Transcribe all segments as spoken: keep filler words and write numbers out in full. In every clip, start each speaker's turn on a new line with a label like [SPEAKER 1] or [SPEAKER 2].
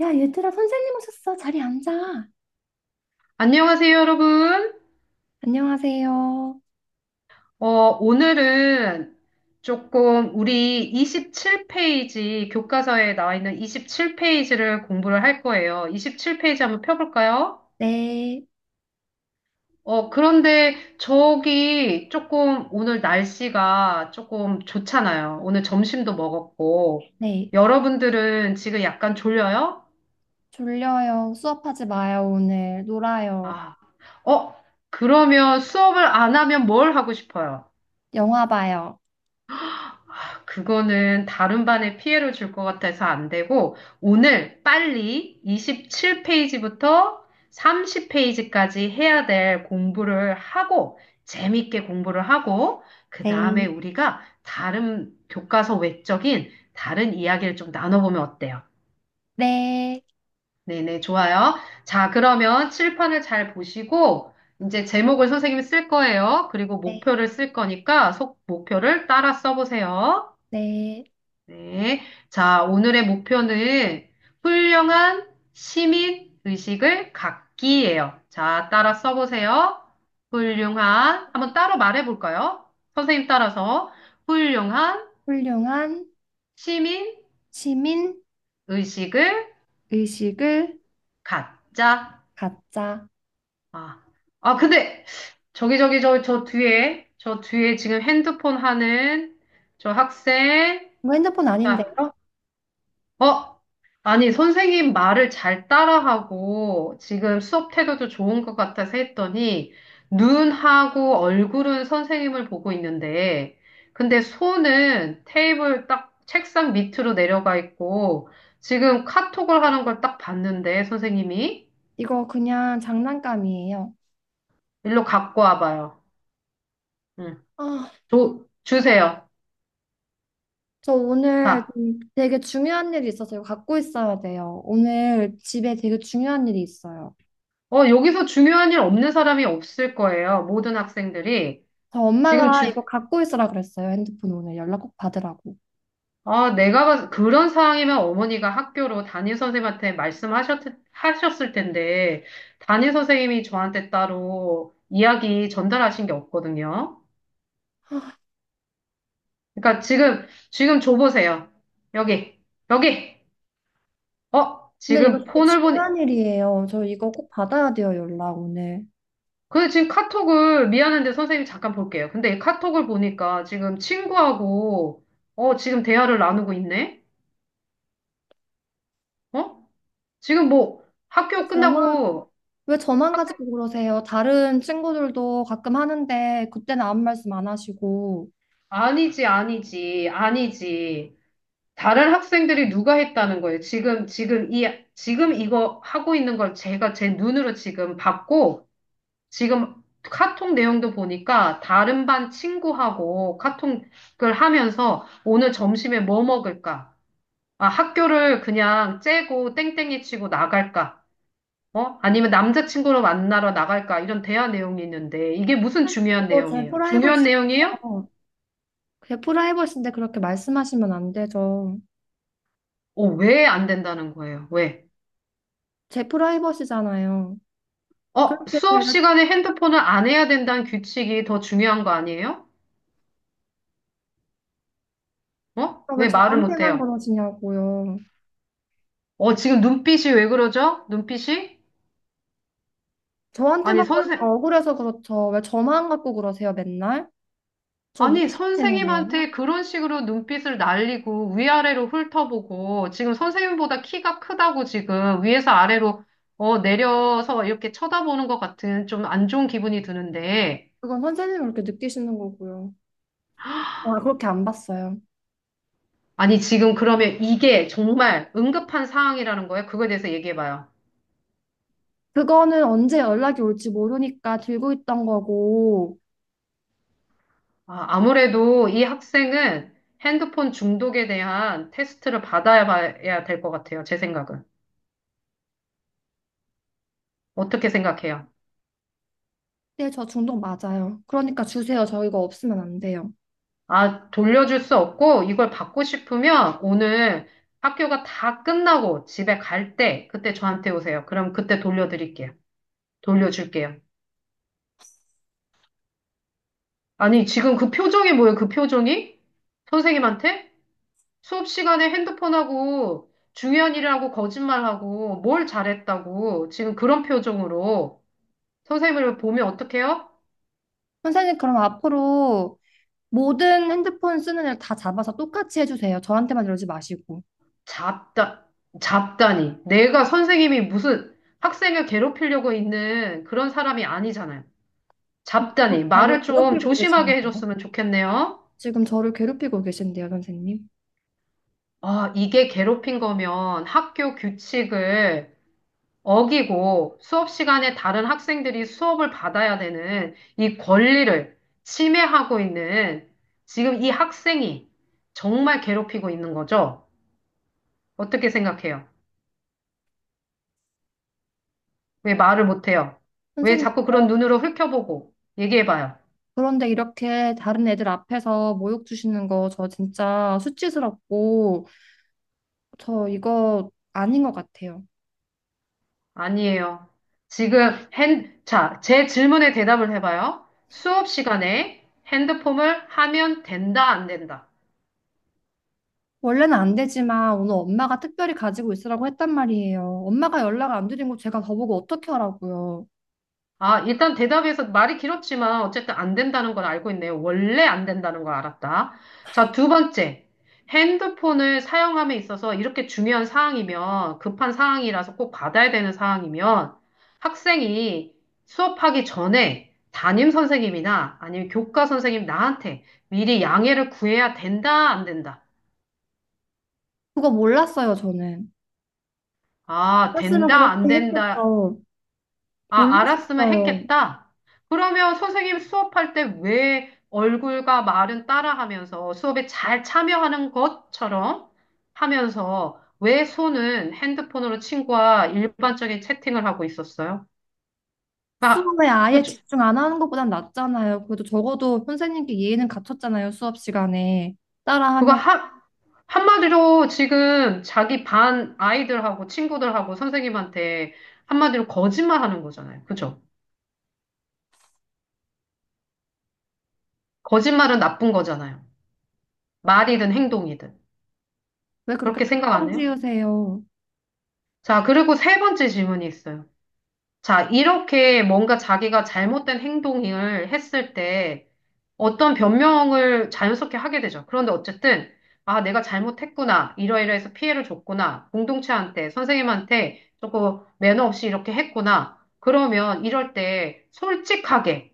[SPEAKER 1] 야, 얘들아, 선생님 오셨어. 자리 앉아.
[SPEAKER 2] 안녕하세요, 여러분.
[SPEAKER 1] 안녕하세요.
[SPEAKER 2] 어, 오늘은 조금 우리 이십칠 페이지, 교과서에 나와 있는 이십칠 페이지를 공부를 할 거예요. 이십칠 페이지 한번 펴볼까요?
[SPEAKER 1] 네,
[SPEAKER 2] 어, 그런데 저기 조금 오늘 날씨가 조금 좋잖아요. 오늘 점심도 먹었고.
[SPEAKER 1] 네.
[SPEAKER 2] 여러분들은 지금 약간 졸려요?
[SPEAKER 1] 졸려요. 수업하지 마요, 오늘. 놀아요.
[SPEAKER 2] 아, 어, 그러면 수업을 안 하면 뭘 하고 싶어요?
[SPEAKER 1] 영화 봐요.
[SPEAKER 2] 그거는 다른 반에 피해를 줄 것 같아서 안 되고, 오늘 빨리 이십칠 페이지부터 삼십 페이지까지 해야 될 공부를 하고, 재밌게 공부를 하고, 그 다음에
[SPEAKER 1] 네,
[SPEAKER 2] 우리가 다른 교과서 외적인 다른 이야기를 좀 나눠보면 어때요?
[SPEAKER 1] 네,
[SPEAKER 2] 네네, 좋아요. 자, 그러면 칠판을 잘 보시고, 이제 제목을 선생님이 쓸 거예요. 그리고
[SPEAKER 1] 네,
[SPEAKER 2] 목표를 쓸 거니까, 속 목표를 따라 써보세요.
[SPEAKER 1] 네.
[SPEAKER 2] 네. 자, 오늘의 목표는 훌륭한 시민 의식을 갖기예요. 자, 따라 써보세요. 훌륭한, 한번 따로 말해볼까요? 선생님 따라서 훌륭한
[SPEAKER 1] 훌륭한
[SPEAKER 2] 시민
[SPEAKER 1] 시민
[SPEAKER 2] 의식을
[SPEAKER 1] 의식을
[SPEAKER 2] 갖자.
[SPEAKER 1] 갖자.
[SPEAKER 2] 아, 아, 근데 저기, 저기, 저, 저 뒤에, 저 뒤에 지금 핸드폰 하는 저 학생.
[SPEAKER 1] 이거 핸드폰
[SPEAKER 2] 자,
[SPEAKER 1] 아닌데요?
[SPEAKER 2] 어? 아니, 선생님 말을 잘 따라하고 지금 수업 태도도 좋은 것 같아서 했더니 눈하고 얼굴은 선생님을 보고 있는데 근데 손은 테이블 딱 책상 밑으로 내려가 있고 지금 카톡을 하는 걸 딱 봤는데 선생님이
[SPEAKER 1] 이거 그냥 장난감이에요.
[SPEAKER 2] 일로 갖고 와봐요. 응.
[SPEAKER 1] 아,
[SPEAKER 2] 줘, 주세요.
[SPEAKER 1] 저 오늘
[SPEAKER 2] 자,
[SPEAKER 1] 좀 되게 중요한 일이 있어서 이거 갖고 있어야 돼요. 오늘 집에 되게 중요한 일이 있어요.
[SPEAKER 2] 어, 여기서 중요한 일 없는 사람이 없을 거예요. 모든 학생들이.
[SPEAKER 1] 저
[SPEAKER 2] 지금
[SPEAKER 1] 엄마가
[SPEAKER 2] 주,
[SPEAKER 1] 이거 갖고 있으라 그랬어요. 핸드폰 오늘 연락 꼭 받으라고.
[SPEAKER 2] 아, 내가 봤- 그런 상황이면 어머니가 학교로 담임 선생님한테 말씀하셨, 하셨을 텐데, 담임 선생님이 저한테 따로 이야기 전달하신 게 없거든요. 그러니까 지금, 지금 줘보세요. 여기, 여기! 어,
[SPEAKER 1] 근데 이거
[SPEAKER 2] 지금
[SPEAKER 1] 되게
[SPEAKER 2] 폰을 보니,
[SPEAKER 1] 중요한 일이에요. 저 이거 꼭 받아야 돼요, 연락 오늘.
[SPEAKER 2] 그 지금 카톡을, 미안한데 선생님 잠깐 볼게요. 근데 이 카톡을 보니까 지금 친구하고, 어, 지금 대화를 나누고 있네? 어? 지금 뭐
[SPEAKER 1] 왜
[SPEAKER 2] 학교
[SPEAKER 1] 저만,
[SPEAKER 2] 끝나고,
[SPEAKER 1] 왜 저만 가지고 그러세요? 다른 친구들도 가끔 하는데 그때는 아무 말씀 안 하시고.
[SPEAKER 2] 아니지, 아니지, 아니지. 다른 학생들이 누가 했다는 거예요. 지금, 지금 이, 지금 이거 하고 있는 걸 제가 제 눈으로 지금 봤고, 지금 카톡 내용도 보니까 다른 반 친구하고 카톡을 하면서 오늘 점심에 뭐 먹을까? 아, 학교를 그냥 째고 땡땡이 치고 나갈까? 어? 아니면 남자친구를 만나러 나갈까? 이런 대화 내용이 있는데, 이게 무슨 중요한
[SPEAKER 1] 그거 제
[SPEAKER 2] 내용이에요? 중요한 내용이에요?
[SPEAKER 1] 프라이버시예요. 제 프라이버시인데 그렇게 말씀하시면 안 되죠.
[SPEAKER 2] 어, 왜 안 된다는 거예요? 왜?
[SPEAKER 1] 제 프라이버시잖아요.
[SPEAKER 2] 어,
[SPEAKER 1] 그렇게
[SPEAKER 2] 수업
[SPEAKER 1] 제가
[SPEAKER 2] 시간에 핸드폰을 안 해야 된다는 규칙이 더 중요한 거 아니에요? 어?
[SPEAKER 1] 왜
[SPEAKER 2] 왜 말을 못
[SPEAKER 1] 저한테만
[SPEAKER 2] 해요?
[SPEAKER 1] 그러시냐고요.
[SPEAKER 2] 어, 지금 눈빛이 왜 그러죠? 눈빛이? 아니,
[SPEAKER 1] 저한테만 그러니까
[SPEAKER 2] 선생,
[SPEAKER 1] 억울해서 그렇죠. 왜 저만 갖고 그러세요, 맨날? 저 못
[SPEAKER 2] 아니,
[SPEAKER 1] 찾으시는 거예요?
[SPEAKER 2] 선생님한테 그런 식으로 눈빛을 날리고 위아래로 훑어보고 지금 선생님보다 키가 크다고 지금 위에서 아래로 어, 내려서 이렇게 쳐다보는 것 같은 좀 안 좋은 기분이 드는데
[SPEAKER 1] 그건 선생님이 그렇게 느끼시는 거고요. 어, 그렇게 안 봤어요.
[SPEAKER 2] 아니, 지금 그러면 이게 정말 응급한 상황이라는 거예요? 그거에 대해서 얘기해봐요.
[SPEAKER 1] 그거는 언제 연락이 올지 모르니까 들고 있던 거고,
[SPEAKER 2] 아, 아무래도 이 학생은 핸드폰 중독에 대한 테스트를 받아야 봐야 될 것 같아요. 제 생각은. 어떻게 생각해요?
[SPEAKER 1] 네, 저 중독 맞아요. 그러니까 주세요. 저 이거 없으면 안 돼요.
[SPEAKER 2] 아, 돌려줄 수 없고 이걸 받고 싶으면 오늘 학교가 다 끝나고 집에 갈 때 그때 저한테 오세요. 그럼 그때 돌려드릴게요. 돌려줄게요. 아니, 지금 그 표정이 뭐예요? 그 표정이? 선생님한테? 수업 시간에 핸드폰하고 중요한 일을 하고 거짓말하고 뭘 잘했다고 지금 그런 표정으로 선생님을 보면 어떡해요?
[SPEAKER 1] 선생님, 그럼 앞으로 모든 핸드폰 쓰는 애를 다 잡아서 똑같이 해주세요. 저한테만 이러지 마시고.
[SPEAKER 2] 잡다, 잡다니. 내가 선생님이 무슨 학생을 괴롭히려고 있는 그런 사람이 아니잖아요.
[SPEAKER 1] 지금
[SPEAKER 2] 잡다니.
[SPEAKER 1] 저를
[SPEAKER 2] 말을 좀
[SPEAKER 1] 괴롭히고
[SPEAKER 2] 조심하게
[SPEAKER 1] 계시는데요?
[SPEAKER 2] 해줬으면 좋겠네요.
[SPEAKER 1] 지금 저를 괴롭히고 계신데요, 선생님.
[SPEAKER 2] 아, 이게 괴롭힌 거면 학교 규칙을 어기고 수업 시간에 다른 학생들이 수업을 받아야 되는 이 권리를 침해하고 있는 지금 이 학생이 정말 괴롭히고 있는 거죠? 어떻게 생각해요? 왜 말을 못해요? 왜
[SPEAKER 1] 선생님,
[SPEAKER 2] 자꾸 그런
[SPEAKER 1] 어,
[SPEAKER 2] 눈으로 훑어보고 얘기해봐요?
[SPEAKER 1] 그런데 이렇게 다른 애들 앞에서 모욕 주시는 거 저 진짜 수치스럽고 저 이거 아닌 것 같아요.
[SPEAKER 2] 아니에요. 지금 핸, 자, 제 질문에 대답을 해봐요. 수업 시간에 핸드폰을 하면 된다, 안 된다?
[SPEAKER 1] 원래는 안 되지만 오늘 엄마가 특별히 가지고 있으라고 했단 말이에요. 엄마가 연락 안 드린 거 제가 더보고 어떻게 하라고요.
[SPEAKER 2] 아, 일단 대답에서 말이 길었지만 어쨌든 안 된다는 걸 알고 있네요. 원래 안 된다는 걸 알았다. 자, 두 번째. 핸드폰을 사용함에 있어서 이렇게 중요한 사항이면 급한 사항이라서 꼭 받아야 되는 사항이면 학생이 수업하기 전에 담임 선생님이나 아니면 교과 선생님 나한테 미리 양해를 구해야 된다, 안 된다.
[SPEAKER 1] 그거 몰랐어요, 저는.
[SPEAKER 2] 아,
[SPEAKER 1] 알았으면
[SPEAKER 2] 된다,
[SPEAKER 1] 그렇게
[SPEAKER 2] 안 된다.
[SPEAKER 1] 했겠죠.
[SPEAKER 2] 아, 알았으면
[SPEAKER 1] 몰랐었어요.
[SPEAKER 2] 했겠다. 그러면 선생님 수업할 때 왜 얼굴과 말은 따라하면서 수업에 잘 참여하는 것처럼 하면서 왜 손은 핸드폰으로 친구와 일반적인 채팅을 하고 있었어요? 아,
[SPEAKER 1] 수업에
[SPEAKER 2] 그,
[SPEAKER 1] 아예 집중 안 하는 것보단 낫잖아요. 그래도 적어도 선생님께 예의는 갖췄잖아요, 수업 시간에.
[SPEAKER 2] 그거
[SPEAKER 1] 따라하면
[SPEAKER 2] 한, 한마디로 지금 자기 반 아이들하고 친구들하고 선생님한테 한마디로 거짓말 하는 거잖아요. 그죠? 거짓말은 나쁜 거잖아요. 말이든 행동이든.
[SPEAKER 1] 왜 그렇게
[SPEAKER 2] 그렇게 생각 안
[SPEAKER 1] 단정
[SPEAKER 2] 해요?
[SPEAKER 1] 지으세요?
[SPEAKER 2] 자, 그리고 세 번째 질문이 있어요. 자, 이렇게 뭔가 자기가 잘못된 행동을 했을 때 어떤 변명을 자연스럽게 하게 되죠. 그런데 어쨌든, 아, 내가 잘못했구나. 이러이러해서 피해를 줬구나. 공동체한테, 선생님한테 조금 매너 없이 이렇게 했구나. 그러면 이럴 때 솔직하게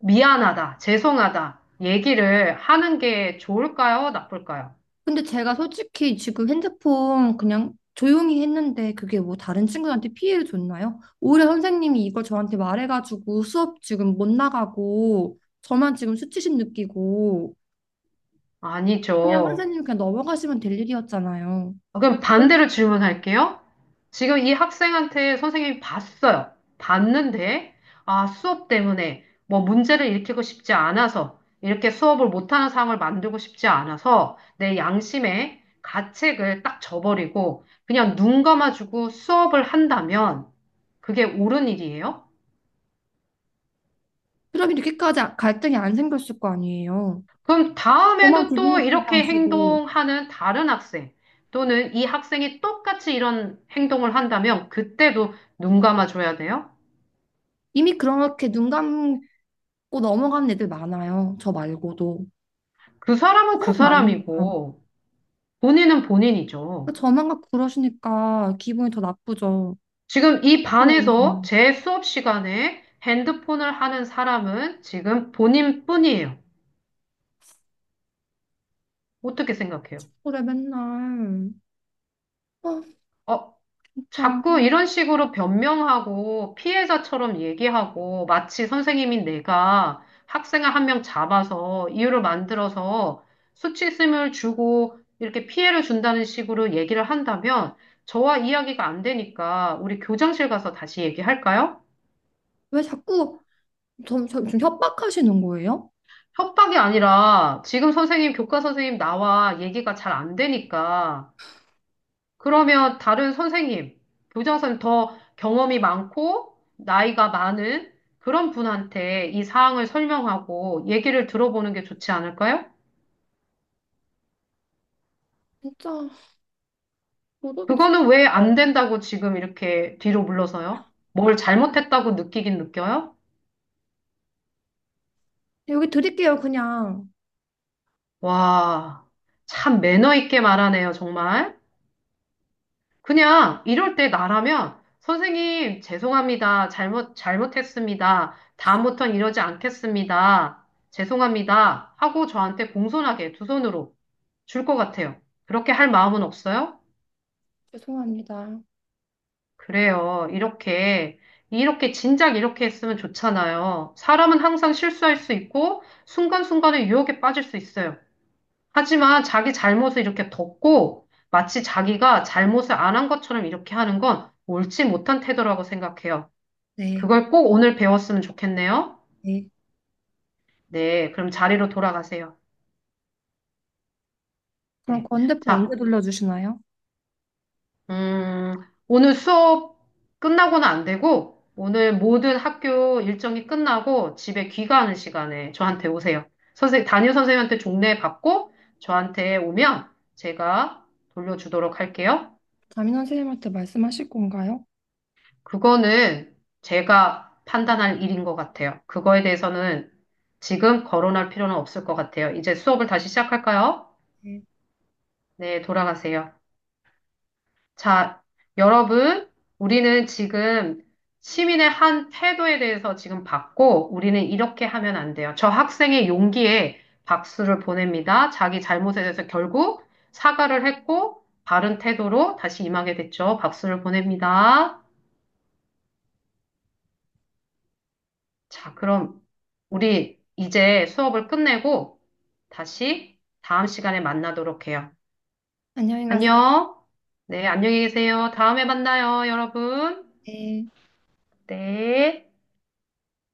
[SPEAKER 2] 미안하다, 죄송하다 얘기를 하는 게 좋을까요? 나쁠까요?
[SPEAKER 1] 근데 제가 솔직히 지금 핸드폰 그냥 조용히 했는데 그게 뭐 다른 친구들한테 피해를 줬나요? 오히려 선생님이 이걸 저한테 말해가지고 수업 지금 못 나가고 저만 지금 수치심 느끼고 그냥
[SPEAKER 2] 아니죠.
[SPEAKER 1] 선생님 그냥 넘어가시면 될 일이었잖아요.
[SPEAKER 2] 그럼 반대로 질문할게요. 지금 이 학생한테 선생님이 봤어요. 봤는데, 아, 수업 때문에 뭐 문제를 일으키고 싶지 않아서, 이렇게 수업을 못하는 상황을 만들고 싶지 않아서, 내 양심에 가책을 딱 져버리고, 그냥 눈 감아주고 수업을 한다면, 그게 옳은 일이에요?
[SPEAKER 1] 그럼 이렇게까지 아- 갈등이 안 생겼을 거 아니에요.
[SPEAKER 2] 그럼
[SPEAKER 1] 저만
[SPEAKER 2] 다음에도
[SPEAKER 1] 기분
[SPEAKER 2] 또
[SPEAKER 1] 나쁘게
[SPEAKER 2] 이렇게
[SPEAKER 1] 하시고
[SPEAKER 2] 행동하는 다른 학생, 또는 이 학생이 똑같이 이런 행동을 한다면, 그때도 눈 감아줘야 돼요?
[SPEAKER 1] 이미 그렇게 눈 감고 넘어가는 애들 많아요. 저 말고도.
[SPEAKER 2] 그 사람은
[SPEAKER 1] 더
[SPEAKER 2] 그
[SPEAKER 1] 많아요.
[SPEAKER 2] 사람이고, 본인은 본인이죠.
[SPEAKER 1] 저만 갖고 그러시니까 기분이 더 나쁘죠.
[SPEAKER 2] 지금 이
[SPEAKER 1] 그래요.
[SPEAKER 2] 반에서 제 수업 시간에 핸드폰을 하는 사람은 지금 본인뿐이에요. 어떻게 생각해요?
[SPEAKER 1] 그래 맨날. 아
[SPEAKER 2] 어,
[SPEAKER 1] 진짜
[SPEAKER 2] 자꾸 이런 식으로 변명하고 피해자처럼 얘기하고 마치 선생님인 내가 학생을 한 명 잡아서 이유를 만들어서 수치심을 주고 이렇게 피해를 준다는 식으로 얘기를 한다면 저와 이야기가 안 되니까 우리 교장실 가서 다시 얘기할까요?
[SPEAKER 1] 왜 자꾸 좀, 좀, 좀 협박하시는 거예요?
[SPEAKER 2] 협박이 아니라 지금 선생님, 교과 선생님 나와 얘기가 잘 안 되니까 그러면 다른 선생님, 교장 선생님 더 경험이 많고 나이가 많은 그런 분한테 이 사항을 설명하고 얘기를 들어보는 게 좋지 않을까요?
[SPEAKER 1] 진짜 도덕이 제일
[SPEAKER 2] 그거는 왜
[SPEAKER 1] 어.
[SPEAKER 2] 안 된다고 지금 이렇게 뒤로 물러서요? 뭘 잘못했다고 느끼긴 느껴요?
[SPEAKER 1] 여기 드릴게요 그냥.
[SPEAKER 2] 와, 참 매너 있게 말하네요, 정말. 그냥 이럴 때 나라면 선생님 죄송합니다. 잘못 잘못했습니다. 다음부터는 이러지 않겠습니다. 죄송합니다. 하고 저한테 공손하게 두 손으로 줄 것 같아요. 그렇게 할 마음은 없어요?
[SPEAKER 1] 죄송합니다.
[SPEAKER 2] 그래요. 이렇게 이렇게 진작 이렇게 했으면 좋잖아요. 사람은 항상 실수할 수 있고 순간순간에 유혹에 빠질 수 있어요. 하지만 자기 잘못을 이렇게 덮고 마치 자기가 잘못을 안 한 것처럼 이렇게 하는 건 옳지 못한 태도라고 생각해요.
[SPEAKER 1] 네.
[SPEAKER 2] 그걸 꼭 오늘 배웠으면 좋겠네요.
[SPEAKER 1] 네.
[SPEAKER 2] 네, 그럼 자리로 돌아가세요.
[SPEAKER 1] 그럼
[SPEAKER 2] 네.
[SPEAKER 1] 건대포 언제
[SPEAKER 2] 자,
[SPEAKER 1] 돌려주시나요?
[SPEAKER 2] 음, 오늘 수업 끝나고는 안 되고, 오늘 모든 학교 일정이 끝나고 집에 귀가하는 시간에 저한테 오세요. 선생, 담임 선생님한테 종례 받고 저한테 오면 제가 돌려주도록 할게요.
[SPEAKER 1] 담임 선생님한테 말씀하실 건가요?
[SPEAKER 2] 그거는 제가 판단할 일인 것 같아요. 그거에 대해서는 지금 거론할 필요는 없을 것 같아요. 이제 수업을 다시 시작할까요?
[SPEAKER 1] 네.
[SPEAKER 2] 네, 돌아가세요. 자, 여러분, 우리는 지금 시민의 한 태도에 대해서 지금 받고, 우리는 이렇게 하면 안 돼요. 저 학생의 용기에 박수를 보냅니다. 자기 잘못에 대해서 결국 사과를 했고, 바른 태도로 다시 임하게 됐죠. 박수를 보냅니다. 자, 그럼 우리 이제 수업을 끝내고 다시 다음 시간에 만나도록 해요.
[SPEAKER 1] 안녕히 가세요.
[SPEAKER 2] 안녕. 네, 안녕히 계세요. 다음에 만나요, 여러분.
[SPEAKER 1] 네.
[SPEAKER 2] 네.